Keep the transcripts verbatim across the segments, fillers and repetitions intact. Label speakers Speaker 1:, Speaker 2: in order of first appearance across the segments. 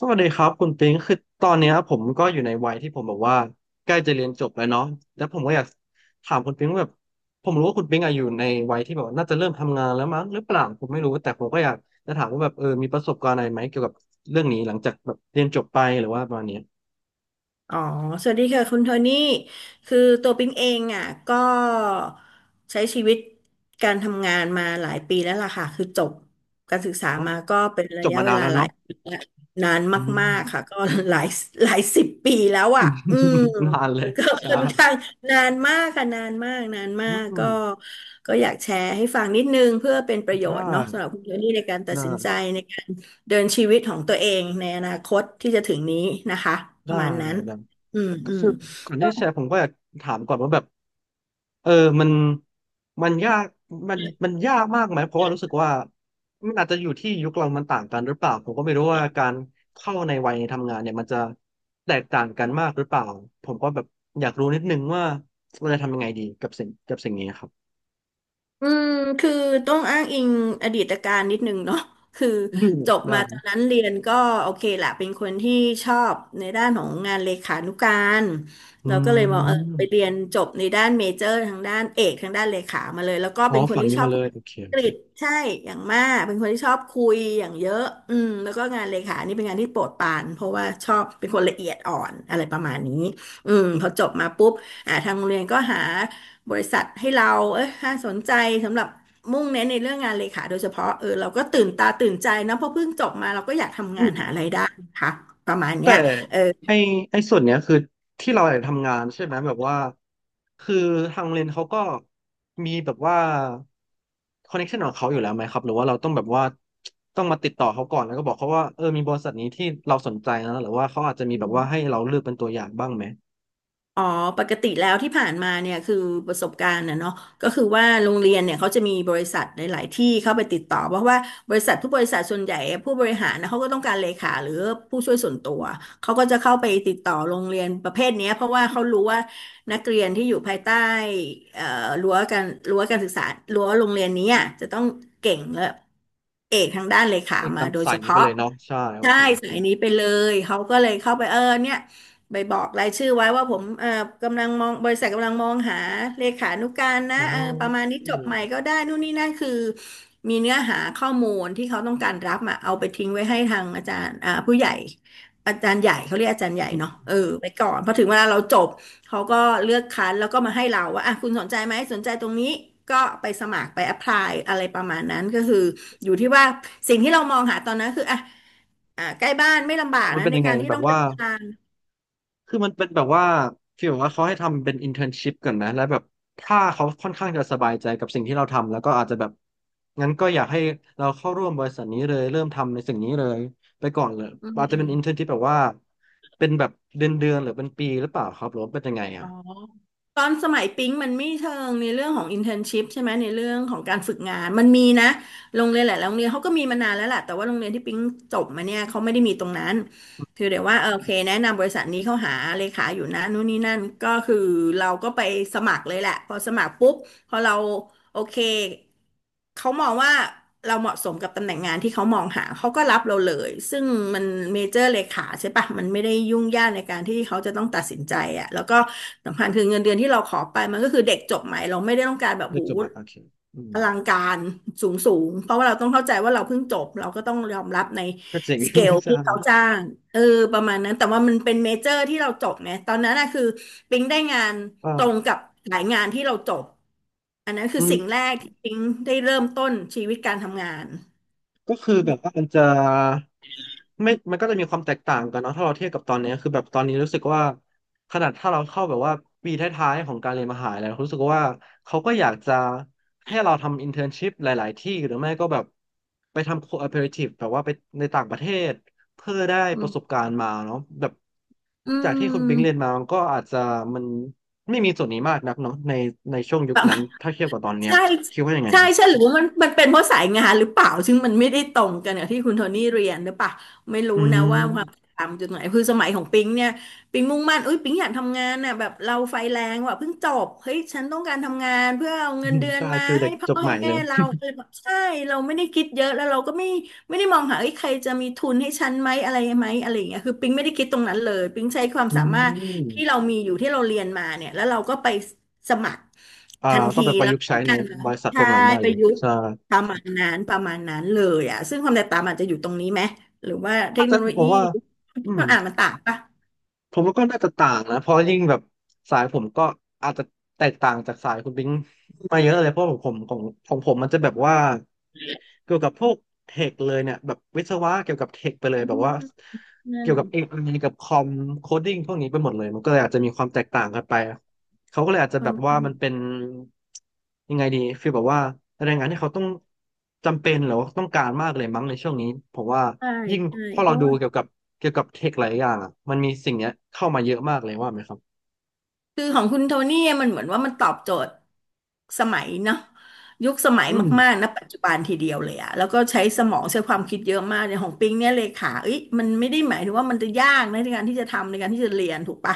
Speaker 1: สวัสดีครับคุณปิงคือตอนเนี้ยผมก็อยู่ในวัยที่ผมแบบว่าใกล้จะเรียนจบแล้วเนาะแล้วผมก็อยากถามคุณปิงว่าแบบผมรู้ว่าคุณปิงอะอยู่ในวัยที่แบบว่าน่าจะเริ่มทำงานแล้วมั้งหรือเปล่าผมไม่รู้แต่ผมก็อยากจะถามว่าแบบเออมีประสบการณ์อะไรไหมเกี่ยวกับเรื่องนี้หลังจากแบบเรียนจบไปหรือว่าประมาณเนี้ย
Speaker 2: อ๋อ สวัสดีค่ะคุณโทนี่คือตัวปิ๊งเองอ่ะก็ใช้ชีวิตการทำงานมาหลายปีแล้วล่ะค่ะ คือจบการศึกษา
Speaker 1: เพราะ
Speaker 2: มาก็เป็นระ
Speaker 1: จบ
Speaker 2: ยะ
Speaker 1: มา
Speaker 2: เว
Speaker 1: นาน
Speaker 2: ลา
Speaker 1: แล้ว
Speaker 2: หลา
Speaker 1: เนาะ
Speaker 2: ยปีแล้วนาน
Speaker 1: อื
Speaker 2: มากๆค่ะ
Speaker 1: ม
Speaker 2: ก็ หลายหลายสิบปีแล้วอ่ะอืม
Speaker 1: นานเลย
Speaker 2: ก็
Speaker 1: ใช่
Speaker 2: ค่อนข้างนานมากค่ะนานมากนานมา
Speaker 1: อื
Speaker 2: กก็
Speaker 1: ม
Speaker 2: ก็อยากแชร์ให้ฟังนิดนึงเพื่อเป็นประโย
Speaker 1: ได้
Speaker 2: ชน์เนาะสำหรับคุณโทนี่ในการตัด
Speaker 1: ได้
Speaker 2: สินใจ เดินชีวิตของตัวเองในอนาคตที่จะถึงนี้นะคะป
Speaker 1: ได้
Speaker 2: ระมาณ
Speaker 1: ได้
Speaker 2: นั้น
Speaker 1: ได้
Speaker 2: อืม
Speaker 1: ก็
Speaker 2: อืม
Speaker 1: คือก่อนที่
Speaker 2: ก็
Speaker 1: จะแชร์ผมก็อยากถามก่อนว่าแบบ เออมันมันยากมันมันยากมากไหมเพราะว่ารู้สึกว่ามันอาจจะอยู่ที่ยุคเรามันต่างกันหรือเปล่าผมก็ไม่รู้ว่าการเข้าในวัยทำงานเนี่ยมันจะแตกต่างกันมากหรือเปล่าผมก็แบบอยากรู้นิดนึงว่าเราจะทำยังไงดีกับสิ่งกับสิ่งนี้ครับ
Speaker 2: อืมคือต้องอ้างอิงอดีตการนิดนึงเนาะ คือ
Speaker 1: อืม
Speaker 2: จบ
Speaker 1: ได้
Speaker 2: มาตอนนั้นเรียนก็โอเคแหละเป็นคนที่ชอบในด้านของงานเลขานุการ
Speaker 1: อื
Speaker 2: เราก็เลยมองเออ
Speaker 1: ม
Speaker 2: ไปเรียนจบในด้านเมเจอร์ทางด้านเอกทางด้านเลขามาเลยแล้วก็
Speaker 1: อ๋อ
Speaker 2: เป็นคน
Speaker 1: ฝั่ง
Speaker 2: ที่
Speaker 1: นี้
Speaker 2: ชอบ
Speaker 1: มาเล
Speaker 2: พูด
Speaker 1: ย
Speaker 2: อั
Speaker 1: โอเค
Speaker 2: ง
Speaker 1: โอ
Speaker 2: ก
Speaker 1: เค
Speaker 2: ฤษใช่อย่างมากเป็นคนที่ชอบคุยอย่างเยอะอืมแล้วก็งานเลขานี่เป็นงานที่โปรดปรานเพราะว่าชอบเป็นคนละเอียดอ่อนอะไรประมาณนี้อืมพอจบมาปุ๊บอ่าทางโรงเรียนก็หา บริษัทให้เราเอ้ยน่าสนใจสำหรับมุ่งเน้นในเรื่องงานเลขาโดยเฉพาะเออเราก็ตื่นตาตื่นใจนะเพราะเพิ่งจบมาเราก็อยากทำงานหารายได้นะคะประมาณ
Speaker 1: แต่
Speaker 2: เนี้ยเออ
Speaker 1: ไอไอส่วนเนี้ยคือที่เราอยากทำงานใช่ไหมแบบว่าคือทางโรงเรียนเขาก็มีแบบว่าคอนเนคชันของเขาอยู่แล้วไหมครับหรือว่าเราต้องแบบว่าต้องมาติดต่อเขาก่อนแล้วก็บอกเขาว่าเออมีบริษัทนี้ที่เราสนใจนะหรือว่าเขาอาจจะมีแบบว่าให้เราเลือกเป็นตัวอย่างบ้างไหม
Speaker 2: อ๋อปกติแล้วที่ผ่านมาเนี่ยคือประสบการณ์นะเนาะก็คือว่าโรงเรียนเนี่ยเขาจะมีบริษัทหลายๆที่เข้าไปติดต่อเพราะว่าบริษัททุกบริษัทส่วนใหญ่ผู้บริหารนะเขาก็ต้องการเลขาหรือผู้ช่วยส่วนตัวเขาก็จะเข้าไปติดต่อโรงเรียนประเภทเนี้ยเพราะว่าเขารู้ว่านักเรียนที่อยู่ภายใต้เอ่อรั้วการรั้วการศึกษารั้วโรงเรียนนี้อะจะต้องเก่งและเอกทางด้านเลขา
Speaker 1: เอ้ยตา
Speaker 2: มา
Speaker 1: ม
Speaker 2: โดย
Speaker 1: สา
Speaker 2: เฉ
Speaker 1: ยนี้ไป
Speaker 2: พาะ
Speaker 1: เลยเนาะใช่โอ
Speaker 2: ใช่
Speaker 1: เคโอเค
Speaker 2: สายนี้ไปเลยเขาก็เลยเข้าไปเออเนี่ย ไปบอกรายชื่อไว้ว่าผมเอ่อกำลังมองบริษัทกำลังมองหาเลขานุการนะ
Speaker 1: อ๋อ
Speaker 2: เออประมาณนี้จบใหม่
Speaker 1: อ
Speaker 2: ก็ได้นู่นนี่นั่นคือมีเนื้อหาข้อมูลที่เขาต้องการรับมาเอาไปทิ้งไว้ให้ทางอาจารย์อ่าผู้ใหญ่อาจารย์ใหญ่เขาเรียกอาจารย์ใหญ่
Speaker 1: ืม
Speaker 2: เนาะเออไปก่อนพอถึงเวลาเราจบเขาก็เลือกคัดแล้วก็มาให้เราว่าอ่ะคุณสนใจไหมสนใจตรงนี้ก็ไปสมัครไปแอพพลายอะไรประมาณนั้นก็คืออยู่ที่ว่าสิ่งที่เรามองหาตอนนั้นคืออ่ะอ่ะใกล้บ้านไม่ลำบาก
Speaker 1: มัน
Speaker 2: นะ
Speaker 1: เป็น
Speaker 2: ใน
Speaker 1: ยังไง
Speaker 2: การที่
Speaker 1: แบ
Speaker 2: ต้อ
Speaker 1: บ
Speaker 2: งเดิ
Speaker 1: ว่า
Speaker 2: นทาง
Speaker 1: คือมันเป็นแบบว่าฟีลแบบว่าเขาให้ทำเป็นอินเท n ร์นชิพก่อนนะแล้วแบบถ้าเขาค่อนข้างจะสบายใจกับสิ่งที่เราทำแล้วก็อาจจะแบบงั้นก็อยากให้เราเข้าร่วมบริษัทนี้เลยเริ่มทำในสิ่งนี้เลยไปก่อนเลยอาจจะเป็นอินเท n ร์นที่แบบว่าเป็นแบบเดือนเดือนหรือเป็นปีหรือเปล่าครับหรือว่าเป็นยังไง
Speaker 2: อ๋
Speaker 1: อ่ะ
Speaker 2: อตอนสมัยปิ๊งมันไม่เชิงในเรื่องของ i n t e r n s h i p ใช่ไหมในเรื่องของการฝึกงานมันมีนะโรงเรียนหลายๆโรงเรียนเขาก็มีมานานแล้วแหละแต่ว่าโรงเรียนที่ปิ๊งจบมาเนี่ยเขาไม่ได้มีตรงนั้นคือเดี๋ยวว่าเออโอเคแนะนำบริษัทนี้เขาหาเลขาอยู่นะนู่นนี่นั่นก็คือเราก็ไปสมัครเลยแหละพอสมัครปุ๊บพอเรา โอเค เขามองว่าเราเหมาะสมกับตำแหน่งงานที่เขามองหาเขาก็รับเราเลยซึ่งมันเมเจอร์เลขาใช่ปะมันไม่ได้ยุ่งยากในการที่เขาจะต้องตัดสินใจอะแล้วก็สำคัญคือเงินเดือนที่เราขอไปมันก็คือเด็กจบใหม่เราไม่ได้ต้องการแบบ
Speaker 1: เลือ
Speaker 2: หู
Speaker 1: กจบบัตรโอเคอืม
Speaker 2: อลังการสูงสูงเพราะว่าเราต้องเข้าใจว่าเราเพิ่งจบเราก็ต้องยอมรับใน
Speaker 1: ก็เจ๋ง
Speaker 2: สเกล
Speaker 1: ใช่
Speaker 2: ที่เขาจ้างเออประมาณนั้นแต่ว่ามันเป็นเมเจอร์ที่เราจบไงตอนนั้นนะคือปิ๊งได้งาน
Speaker 1: ก็
Speaker 2: ตรงกับสายงานที่เราจบอันนั้นคื
Speaker 1: อื
Speaker 2: อสิ่งแร
Speaker 1: ม
Speaker 2: กที่ปิ๊งได้เริ่มต้นชีวิตการทำงาน
Speaker 1: ก็คือแบบว่ามันจะไม่มันก็จะมีความแตกต่างกันเนาะถ้าเราเทียบกับตอนเนี้ยคือแบบตอนนี้รู้สึกว่าขนาดถ้าเราเข้าแบบว่าปีท้ายๆของการเรียนมหาลัยเรารู้สึกว่าเขาก็อยากจะให้เราทำอินเทอร์นชิพหลายๆที่หรือไม่ก็แบบไปทำโคอ p e r a t i v e แบบว่าไปในต่างประเทศเพื่อได้
Speaker 2: อื
Speaker 1: ป
Speaker 2: ม
Speaker 1: ระสบการณ์มาเนาะแบบ
Speaker 2: อื
Speaker 1: จากที่คุณ
Speaker 2: ม
Speaker 1: ปิงเรียนมามันก็อาจจะมันไม่มีส่วนนี้มากนักเนาะในในช่วงยุคนั้นถ้าเทียบกับตอนเนี้ย
Speaker 2: ใช่
Speaker 1: คิดว่ายังไง
Speaker 2: ใช่
Speaker 1: อะ
Speaker 2: ใช่หรือว่ามันมันเป็นเพราะสายงานหรือเปล่าซึ่งมันไม่ได้ตรงกันกับที่คุณโทนี่เรียนหรือเปล่าไม่รู้
Speaker 1: อื
Speaker 2: นะว่าความ
Speaker 1: ม
Speaker 2: ตามจุดไหนคือสมัยของปิงเนี่ยปิงมุ่งมั่นอุ้ยปิงอยากทำงานน่ะแบบเราไฟแรงว่ะเพิ่งจบเฮ้ยฉันต้องการทำงานเพื่อเอา
Speaker 1: อื
Speaker 2: เงิน
Speaker 1: ม
Speaker 2: เดือน
Speaker 1: ใช่
Speaker 2: มา
Speaker 1: ฟิลเด็
Speaker 2: ให้
Speaker 1: ก
Speaker 2: พ่
Speaker 1: จ
Speaker 2: อ
Speaker 1: บให
Speaker 2: ให้
Speaker 1: ม่เล
Speaker 2: แม่
Speaker 1: ย
Speaker 2: เราเออแบบใช่เราไม่ได้คิดเยอะแล้วเราก็ไม่ไม่ได้มองหาเอ้ยใครจะมีทุนให้ฉันไหมอะไรไหมอะไรอย่างเงี้ยคือปิงไม่ได้คิดตรงนั้นเลยปิงใช้ความ
Speaker 1: อื
Speaker 2: สามารถที่เรา
Speaker 1: ม
Speaker 2: มีอยู่ที่เราเรียนมาเนี่ยแล้วเราก็ไป สมัคร
Speaker 1: อ่า
Speaker 2: ทัน
Speaker 1: ก็
Speaker 2: ที
Speaker 1: ไปประ
Speaker 2: แล้ว
Speaker 1: ยุกต์ใช้ใน
Speaker 2: กันนะ
Speaker 1: บริษัทพ
Speaker 2: ใช่
Speaker 1: วกนั้นได้
Speaker 2: ป
Speaker 1: เล
Speaker 2: ระ
Speaker 1: ย
Speaker 2: ยุทธ์
Speaker 1: ใช่
Speaker 2: ประมาณนั้นประมาณนั้นเลยอ่ะซึ่งความแตกต่างมันจะอยู่ตรงนี้ไหมหรือว่าเท
Speaker 1: อาจ
Speaker 2: คโน
Speaker 1: จะ
Speaker 2: โล
Speaker 1: ผ
Speaker 2: ยี
Speaker 1: มว่าอื
Speaker 2: ที่
Speaker 1: ม
Speaker 2: เขาอ่านมันต่างปะ
Speaker 1: ผมว่าก็น่าจะต่างนะเพราะยิ่งแบบสายผมก็อาจจะแตกต่างจากสายคุณบิงมาเยอะเลยเพราะของผมของของผมมันจะแบบว่า เกี่ยวกับพวกเทคเลยเนี่ยแบบวิศวะเกี่ยวกับเทคไปเลย
Speaker 2: อื
Speaker 1: แบบ
Speaker 2: ม
Speaker 1: ว่า
Speaker 2: นั่
Speaker 1: เกี่
Speaker 2: น
Speaker 1: ยวกับเอไอกับคอมโคดดิ้งพวกนี้ไปหมดเลยมันก็เลยอาจจะมีความแตกต่างกันไปเขาก็เลยอาจจะ
Speaker 2: ค
Speaker 1: แบ
Speaker 2: น
Speaker 1: บว่า
Speaker 2: ข้าง
Speaker 1: มันเป็นยังไงดีฟีลแบบว่าแรงงานที่เขาต้องจำเป็นหรือว่าต้องการมากเลยมั้งในช่วงนี้ผมว่า
Speaker 2: ใช่
Speaker 1: ยิ่ง
Speaker 2: ใช่
Speaker 1: พอ
Speaker 2: เพ
Speaker 1: เรา
Speaker 2: ราะ
Speaker 1: ดู
Speaker 2: ว่า
Speaker 1: เกี่ยวกับเกี่ยวกับเทคหลายอย่างอ่ะมันมีสิ่งเนี้ยเข้ามาเยอะมากเลยว่าไหมครับ
Speaker 2: คือของคุณโทนี่มันเหมือนว่ามันตอบโจทย์สมัยเนาะยุคสมัย
Speaker 1: อืม
Speaker 2: มากๆนะปัจจุบันทีเดียวเลยอะแล้วก็ใช้สมองใช้ความคิดเยอะมากในของปิงเนี่ยเลขาเอ้ยมันไม่ได้หมายถึงว่ามันจะยากนะในการที่จะทำในการที่จะเรียนถูกปะ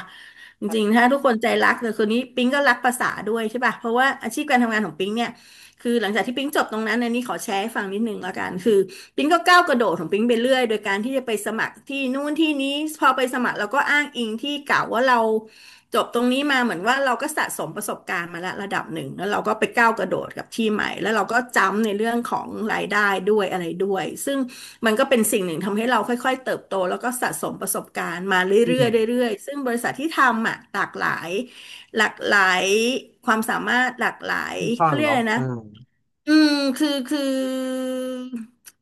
Speaker 2: จริงๆถ้าทุกคนใจรักแต่คนนี้ปิงก็รักภาษาด้วยใช่ปะเพราะว่าอาชีพการทำงานของปิงเนี่ยคือหลังจากที่ปิ๊งจบตรงนั้นอันนี้ขอแชร์ให้ฟังนิดนึงละกันคือปิ๊งก็ก้าวกระโดดของปิ๊งไปเรื่อยโดยการที่จะไปสมัครที่นู่นที่นี้พอไปสมัครเราก็อ้างอิงที่เก่าว่าเรา จบตรงนี้มาเหมือนว่าเราก็สะสมประสบการณ์มาแล้วระดับหนึ่งแล้วเราก็ไปก้าวกระโดดกับที่ใหม่แล้วเราก็จำในเรื่องของรายได้ด้วยอะไรด้วยซึ่งมันก็เป็นสิ่งหนึ่งทำให้เราค่อยๆเติบโตแล้วก็สะสมประสบการณ์มาเร
Speaker 1: อื
Speaker 2: ื่
Speaker 1: ม
Speaker 2: อยๆเรื่อยๆซึ่งบริษัทที่ทำอ่ะหลากหลายหลากหลายความสามารถหลากหลาย
Speaker 1: ค่อนข้า
Speaker 2: เขา
Speaker 1: ง
Speaker 2: เรียกอะ
Speaker 1: เนาะ
Speaker 2: ไร
Speaker 1: เออ
Speaker 2: นะ อืมคือคือ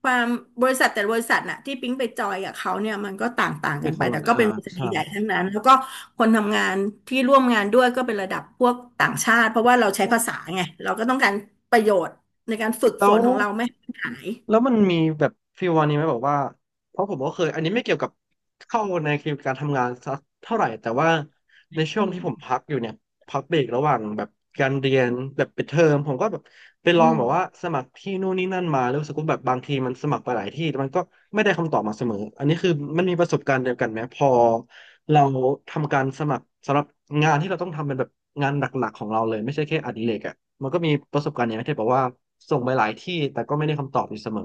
Speaker 2: ความบริษัทแต่ละบริษัทน่ะที่ปิ๊งไปจอยกับเขาเนี่ยมันก็ต่างต่า
Speaker 1: ก็
Speaker 2: ง
Speaker 1: ไม่
Speaker 2: กันไป
Speaker 1: เข้าเรา
Speaker 2: แต่
Speaker 1: เลย
Speaker 2: ก็
Speaker 1: อ่า
Speaker 2: เป็นบริษัท
Speaker 1: ใช่
Speaker 2: ใหญ่ๆทั้งนั้นแล้วก็คนทำงานที่ร่วมงานด้วยก็เป็นระดับพวกต่างชาติเพราะว่าเรา
Speaker 1: แ
Speaker 2: ใช้ภาษาไงเราก็ต้องการประโยชน์ในการฝึก
Speaker 1: ล้
Speaker 2: ฝ
Speaker 1: ว
Speaker 2: นของเราไม่ให้มันหาย
Speaker 1: แล้วมันมีแบบฟีลวันนี้ไหมแบอกว่าเพราะผมก็เคยอันนี้ไม่เกี่ยวกับเข้าในเกณฑ์การทำงานสักเท่าไหร่แต่ว่าในช่
Speaker 2: อื
Speaker 1: วง
Speaker 2: ม
Speaker 1: ที่ผมพักอยู่เนี่ยพักเบรกระหว่างแบบการเรียนแบบปิดเทอมผมก็แบบไปล
Speaker 2: อื
Speaker 1: อง
Speaker 2: ม
Speaker 1: แบบว่าสมัครที่นู่นนี่นั่นมาแล้วรู้สึกว่าแบบบางทีมันสมัครไปหลายที่แต่มันก็ไม่ได้คำตอบมาเสมออันนี้คือมันมีประสบการณ์เดียวกันไหมพอ เราทำการสมัครสำหรับงานที่เราต้องทำเป็นแบบงานหลักๆของเราเลยไม่ใช่แค่อดิเรกอ่ะมันก็มีประสบการณ์อย่างที่เธอบอกว่าส่งไปหลายที่แต่ก็ไม่ได้คำตอบอยู่เสมอ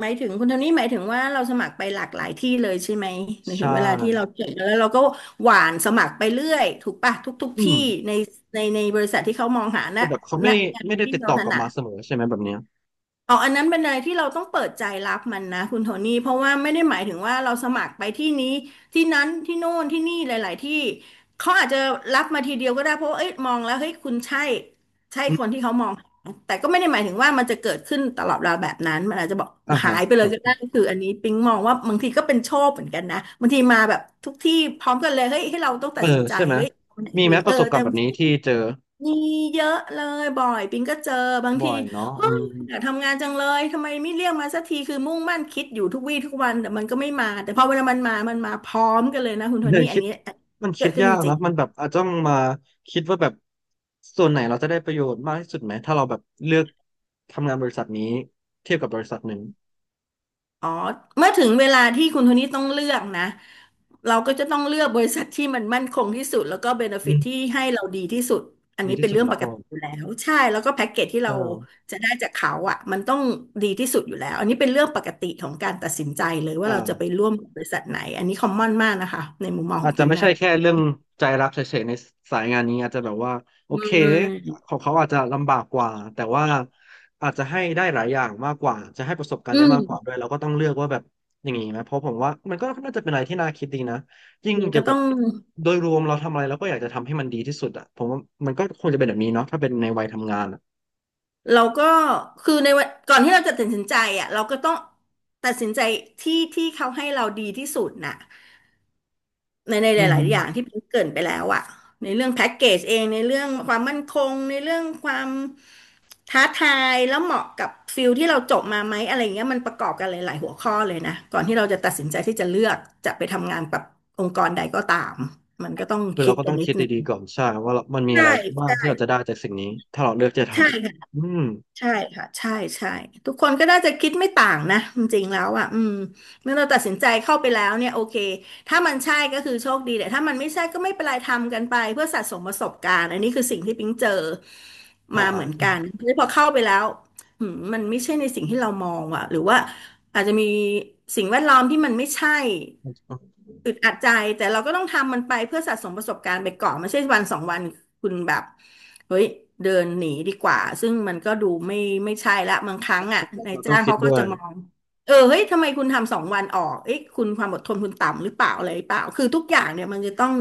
Speaker 2: หมายถึงคุณโทนี่หมายถึงว่าเราสมัครไปหลากหลายที่เลยใช่ไหมหมายถึ
Speaker 1: ใช่
Speaker 2: งเวลาที่เราเขียนแล้วเราก็หวานสมัครไปเรื่อยถูกปะทุกทุก
Speaker 1: อืม
Speaker 2: ที่ในในในบริษัทที่เขามองหาณ
Speaker 1: แต่แบบเขา
Speaker 2: ณ
Speaker 1: ไม่
Speaker 2: งา
Speaker 1: ไม่
Speaker 2: น
Speaker 1: ได้
Speaker 2: ที่
Speaker 1: ติด
Speaker 2: เรา
Speaker 1: ต่อ
Speaker 2: ถ
Speaker 1: กลับ
Speaker 2: นัด
Speaker 1: มาเสมอใช่ไหมแบบเนี้ย
Speaker 2: อ๋ออันนั้นเป็นอะไรที่เราต้องเปิดใจรับมันนะคุณโทนี่เพราะว่าไม่ได้หมายถึงว่าเราสมัครไปที่นี้ที่นั้นที่โน่นที่นี่หลายๆที่เขาอาจจะรับมาทีเดียวก็ได้เพราะว่าเอ้ยมองแล้วเฮ้ยคุณใช่ใช่
Speaker 1: อื
Speaker 2: คน
Speaker 1: ม
Speaker 2: ที่เขามองหาแต่ก็ไม่ได้หมายถึงว่ามันจะเกิดขึ้นตลอดเวลาแบบนั้นมันอาจจะบอก
Speaker 1: อ่า
Speaker 2: หา
Speaker 1: ฮะ
Speaker 2: ยไป
Speaker 1: ค
Speaker 2: เลย
Speaker 1: รั
Speaker 2: ก็ได้
Speaker 1: บ
Speaker 2: คืออันนี้ปิ๊งมองว่าบางทีก็เป็นโชคเหมือนกันนะบางทีมาแบบทุกที่พร้อมกันเลยเฮ้ยให้เราต้อง
Speaker 1: เอ
Speaker 2: ตัด
Speaker 1: อ
Speaker 2: สินใจ
Speaker 1: ใช่ไหม
Speaker 2: เฮ้ยเอาไหน
Speaker 1: มี
Speaker 2: ดี
Speaker 1: ไหมป
Speaker 2: เออ
Speaker 1: ระสบการ
Speaker 2: แต่
Speaker 1: ณ์แบบนี้ที่เจอ
Speaker 2: มีเยอะเลยบ่อยปิงก็เจอบาง
Speaker 1: บ่
Speaker 2: ที
Speaker 1: อยเนาะ
Speaker 2: เฮ้
Speaker 1: อื
Speaker 2: ย
Speaker 1: ม
Speaker 2: อยากทำงานจังเลยทำไมไม่เรียกมาสักทีคือมุ่งมั่นคิดอยู่ทุกวี่ทุกวันแต่มันก็ไม่มาแต่พอเวลามันมามันมาพร้อมกันเลยนะคุณโท
Speaker 1: เนย
Speaker 2: นี่อั
Speaker 1: คิ
Speaker 2: น
Speaker 1: ด
Speaker 2: นี้อันนี้
Speaker 1: มัน
Speaker 2: เกิ
Speaker 1: คิด
Speaker 2: ดขึ้น
Speaker 1: ยา
Speaker 2: จ
Speaker 1: ก
Speaker 2: ริ
Speaker 1: นะ
Speaker 2: ง
Speaker 1: มันแบบอาจจะต้องมาคิดว่าแบบส่วนไหนเราจะได้ประโยชน์มากที่สุดไหมถ้าเราแบบเลือกทำงานบริษัทนี้เทียบกับบริษัทหนึ่ง
Speaker 2: ๆอ๋อเมื่อถึงเวลาที่คุณโทนี่ต้องเลือกนะ เราก็จะต้องเลือกบริษัทที่มันมั่นคงที่สุดแล้วก็เบเน
Speaker 1: อื
Speaker 2: ฟิตที่
Speaker 1: ม
Speaker 2: ให้เราดีที่สุดอัน
Speaker 1: ดี
Speaker 2: นี้
Speaker 1: ที่
Speaker 2: เป็น
Speaker 1: สุด
Speaker 2: เรื่องป
Speaker 1: เนาะ
Speaker 2: ก
Speaker 1: อ๋อ
Speaker 2: ติอยู่แล้วใช่แล้วก็แพ็กเกจที่
Speaker 1: ใช่
Speaker 2: เราจะได้จากเขาอ่ะมันต้องดีที่สุดอยู่แล้วอันนี้เป็นเรื่องปกติของการตัดสินใจเลยว่าเราจะไป
Speaker 1: อ่า
Speaker 2: ร่วมกับบริษัทไหนอันนี้คอมมอนมากนะคะในมุมมองข
Speaker 1: อา
Speaker 2: อง
Speaker 1: จจะ
Speaker 2: ปิง
Speaker 1: ไม่ใช่
Speaker 2: นะ
Speaker 1: แค่เรื่องใจรักเฉยๆในสายงานนี้อาจจะแบบว่าโอ
Speaker 2: อื
Speaker 1: เค
Speaker 2: ่
Speaker 1: ของเขาอาจจะลำบากกว่าแต่ว่าอาจจะให้ได้หลายอย่างมากกว่าจะให้ประสบการ
Speaker 2: อื
Speaker 1: ณ์ได้
Speaker 2: ม
Speaker 1: มากกว่าด้วยเราก็ต้องเลือกว่าแบบอย่างนี้ไหมเพราะผมว่ามันก็น่าจะเป็นอะไรที่น่าคิดดีนะยิ่ง
Speaker 2: มัน
Speaker 1: เกี่
Speaker 2: ก็
Speaker 1: ยว
Speaker 2: ต้
Speaker 1: กั
Speaker 2: อ
Speaker 1: บ
Speaker 2: ง
Speaker 1: โดยรวมเราทำอะไรเราก็อยากจะทำให้มันดีที่สุดอ่ะผมว่ามันก็ควรจะเป็นแบบนี้เนาะถ้าเป็นในวัยทำงานอะ
Speaker 2: เราก็คือในวันก่อนที่เราจะตัดสินใจอ่ะเราก็ต้องตัดสินใจที่ที่เขาให้เราดีที่สุดน่ะ ในในห
Speaker 1: อืม
Speaker 2: ลายๆอย่างที่พิงค์เกริ่นไปแล้วอะในเรื่องแพ็กเกจเองในเรื่องความมั่นคงในเรื่องความท้าทายแล้วเหมาะกับฟิลที่เราจบมาไหมอะไรเงี้ยมันประกอบกันหลายๆหัวข้อเลยนะก่อนที่เราจะตัดสินใจที่จะเลือกจะไปทำงานกับองค์กรใดก็ตามมันก็ต้อง
Speaker 1: คือ
Speaker 2: คิ
Speaker 1: เรา
Speaker 2: ด
Speaker 1: ก็
Speaker 2: กั
Speaker 1: ต้อ
Speaker 2: น
Speaker 1: ง
Speaker 2: นิ
Speaker 1: คิ
Speaker 2: ด
Speaker 1: ด
Speaker 2: นึง
Speaker 1: ดีๆก่อนใช่ว่าเรามันมีอะ
Speaker 2: ใช่
Speaker 1: ไรบ้าง
Speaker 2: ใช่
Speaker 1: ที่เราจะได้จากสิ่งนี้ถ้าเราเลือกจะท
Speaker 2: ใช่
Speaker 1: ำอืม
Speaker 2: ใช่ค่ะใช่ใช่ทุกคนก็น่าจะคิดไม่ต่างนะจริงๆแล้วอ่ะอืมเมื่อเราตัดสินใจเข้าไปแล้วเนี่ยโอเคถ้ามันใช่ก็คือโชคดีแต่ถ้ามันไม่ใช่ก็ไม่เป็นไรทำกันไปเพื่อสะสมประสบการณ์อันนี้คือสิ่งที่ปิ๊งเจอ
Speaker 1: อ่า
Speaker 2: มาเหมือน
Speaker 1: ๆใช
Speaker 2: กันแล้วพอเข้าไปแล้วหืมมันไม่ใช่ในสิ่งที่เรามองอ่ะหรือว่าอาจจะมีสิ่งแวดล้อมที่มันไม่ใช่
Speaker 1: ่
Speaker 2: อึดอัดใจแต่เราก็ต้องทำมันไปเพื่อสะสมประสบการณ์ไปก่อนไม่ใช่วันสองวันคุณแบบ เฮ้ยเดินหนีดีกว่าซึ่งมันก็ดูไม่ไม่ใช่ละบางครั้งอ่ะนาย
Speaker 1: เราต้อ
Speaker 2: จ้า
Speaker 1: ง
Speaker 2: ง
Speaker 1: คิด
Speaker 2: เขาก็
Speaker 1: ด้ว
Speaker 2: จะ
Speaker 1: ย
Speaker 2: มองเออเฮ้ยทำไมคุณทำสองวันออกเอ้ยคุณความอดทนคุณต่ำหรือเปล่าอะไรหรือเปล่าคือทุกอย่างเนี่ยมันจะต้อง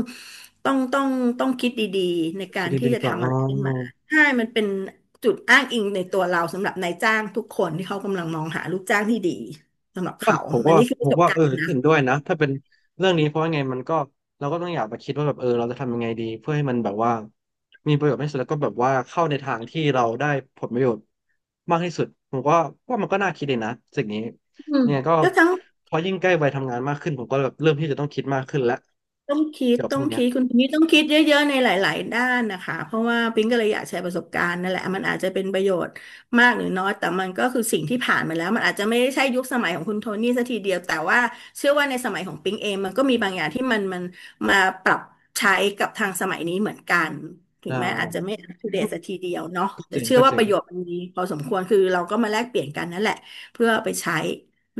Speaker 2: ต้องต้องต้องคิดดีๆในกา
Speaker 1: คิด
Speaker 2: รที่
Speaker 1: ดี
Speaker 2: จะ
Speaker 1: ๆก่อน
Speaker 2: ทำอะไรขึ้น
Speaker 1: อ๋อ
Speaker 2: มาใช่มันเป็นจุดอ้างอิงในตัวเราสำหรับนายจ้างทุกคนที่เขากำลังมองหาลูกจ้างที่ดีสำหรับ
Speaker 1: ว่า
Speaker 2: เขา
Speaker 1: ผม
Speaker 2: อั
Speaker 1: ก็
Speaker 2: นนี้คือป
Speaker 1: ผ
Speaker 2: ระส
Speaker 1: ม
Speaker 2: บ
Speaker 1: ว่า
Speaker 2: กา
Speaker 1: เอ
Speaker 2: ร
Speaker 1: อ
Speaker 2: ณ์นะ
Speaker 1: เห็นด้วยนะถ้าเป็นเรื่องนี้เพราะว่าไงมันก็เราก็ต้องอยากไปคิดว่าแบบเออเราจะทำยังไงดีเพื่อให้มันแบบว่ามีประโยชน์ที่สุดแล้วก็แบบว่าเข้าในทางที่เราได้ผลประโยชน์มากที่สุดผมว่าว่ามันก็น่าคิดเลยนะสิ่งนี้
Speaker 2: อืม
Speaker 1: เนี่ยก็
Speaker 2: ก็ทั้ง
Speaker 1: พอยิ่งใกล้วัยทำงานมากขึ้นผมก็แบบเริ่มที่จะต้องคิดมากขึ้นแล้ว
Speaker 2: ต้องคิด
Speaker 1: เกี่ยวกับ
Speaker 2: ต้
Speaker 1: พ
Speaker 2: อ
Speaker 1: ว
Speaker 2: ง
Speaker 1: กเนี้ย
Speaker 2: คิดคุณนี่ต้องคิดเยอะๆในหลายๆด้านนะคะเพราะว่าปิ๊งก็เลยอยากแชร์ประสบการณ์นั่นแหละมันอาจจะเป็นประโยชน์มากหรือน้อยแต่มันก็คือสิ่งที่ผ่านมาแล้วมันอาจจะไม่ได้ใช่ยุคสมัยของคุณโทนี่ซะทีเดียวแต่ว่าเชื่อว่าในสมัยของปิ๊งเองมันก็มีบางอย่างที่มันมันมาปรับใช้กับทางสมัยนี้เหมือนกันถึ
Speaker 1: ได
Speaker 2: งแม้อาจจะ
Speaker 1: ้
Speaker 2: ไม่อัปเดตซะทีเดียวเนาะ
Speaker 1: ก็
Speaker 2: แต่
Speaker 1: เจ๋ง
Speaker 2: เชื่อ
Speaker 1: ก็
Speaker 2: ว่า
Speaker 1: เจ๋
Speaker 2: ป
Speaker 1: ง
Speaker 2: ระโยชน์มันมีพอสมควรคือเราก็มาแลกเปลี่ยนกันนั่นแหละเพื่อเอาไปใช้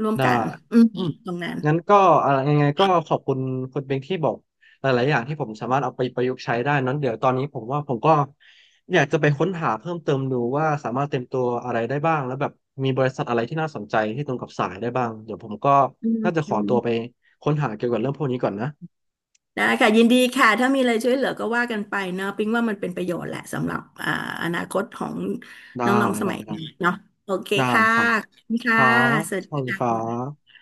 Speaker 2: ร่วม
Speaker 1: ได้
Speaker 2: กันอืม
Speaker 1: อืม
Speaker 2: ตรงนั้น
Speaker 1: งั้นก็อะไรยังไงก็ขอบคุณคุณเบงที่บอกหลายๆอย่างที่ผมสามารถเอาไปประยุกต์ใช้ได้นั้นเดี๋ยวตอนนี้ผมว่าผมก็อยากจะไปค้นหาเพิ่มเติมดูว่าสามารถเตรียมตัวอะไรได้บ้างแล้วแบบมีบริษัทอะไรที่น่าสนใจที่ตรงกับสายได้บ้างเดี๋ยวผมก็
Speaker 2: อื
Speaker 1: น่าจะขอตัวไป
Speaker 2: ม
Speaker 1: ค้นหาเกี่ยวกับเรื่องพวกนี้ก่อนนะ
Speaker 2: ได้ค่ะยินดีค่ะถ้ามีอะไรช่วยเหลือก็ว่ากันไปเนาะปิ๊งว่ามันเป็นประโยชน์แหละสำหรับอ่าอนาคตของ
Speaker 1: ได้
Speaker 2: น้องๆส
Speaker 1: ได้
Speaker 2: มัยนี้
Speaker 1: ได้
Speaker 2: เนาะโอเค
Speaker 1: ได้
Speaker 2: ค่ะ
Speaker 1: ครับ
Speaker 2: ขอบคุณ
Speaker 1: ค
Speaker 2: ค่ะ
Speaker 1: รับ
Speaker 2: สวัส
Speaker 1: ส
Speaker 2: ดี
Speaker 1: วัสดี
Speaker 2: ค่
Speaker 1: ครั
Speaker 2: ะ
Speaker 1: บ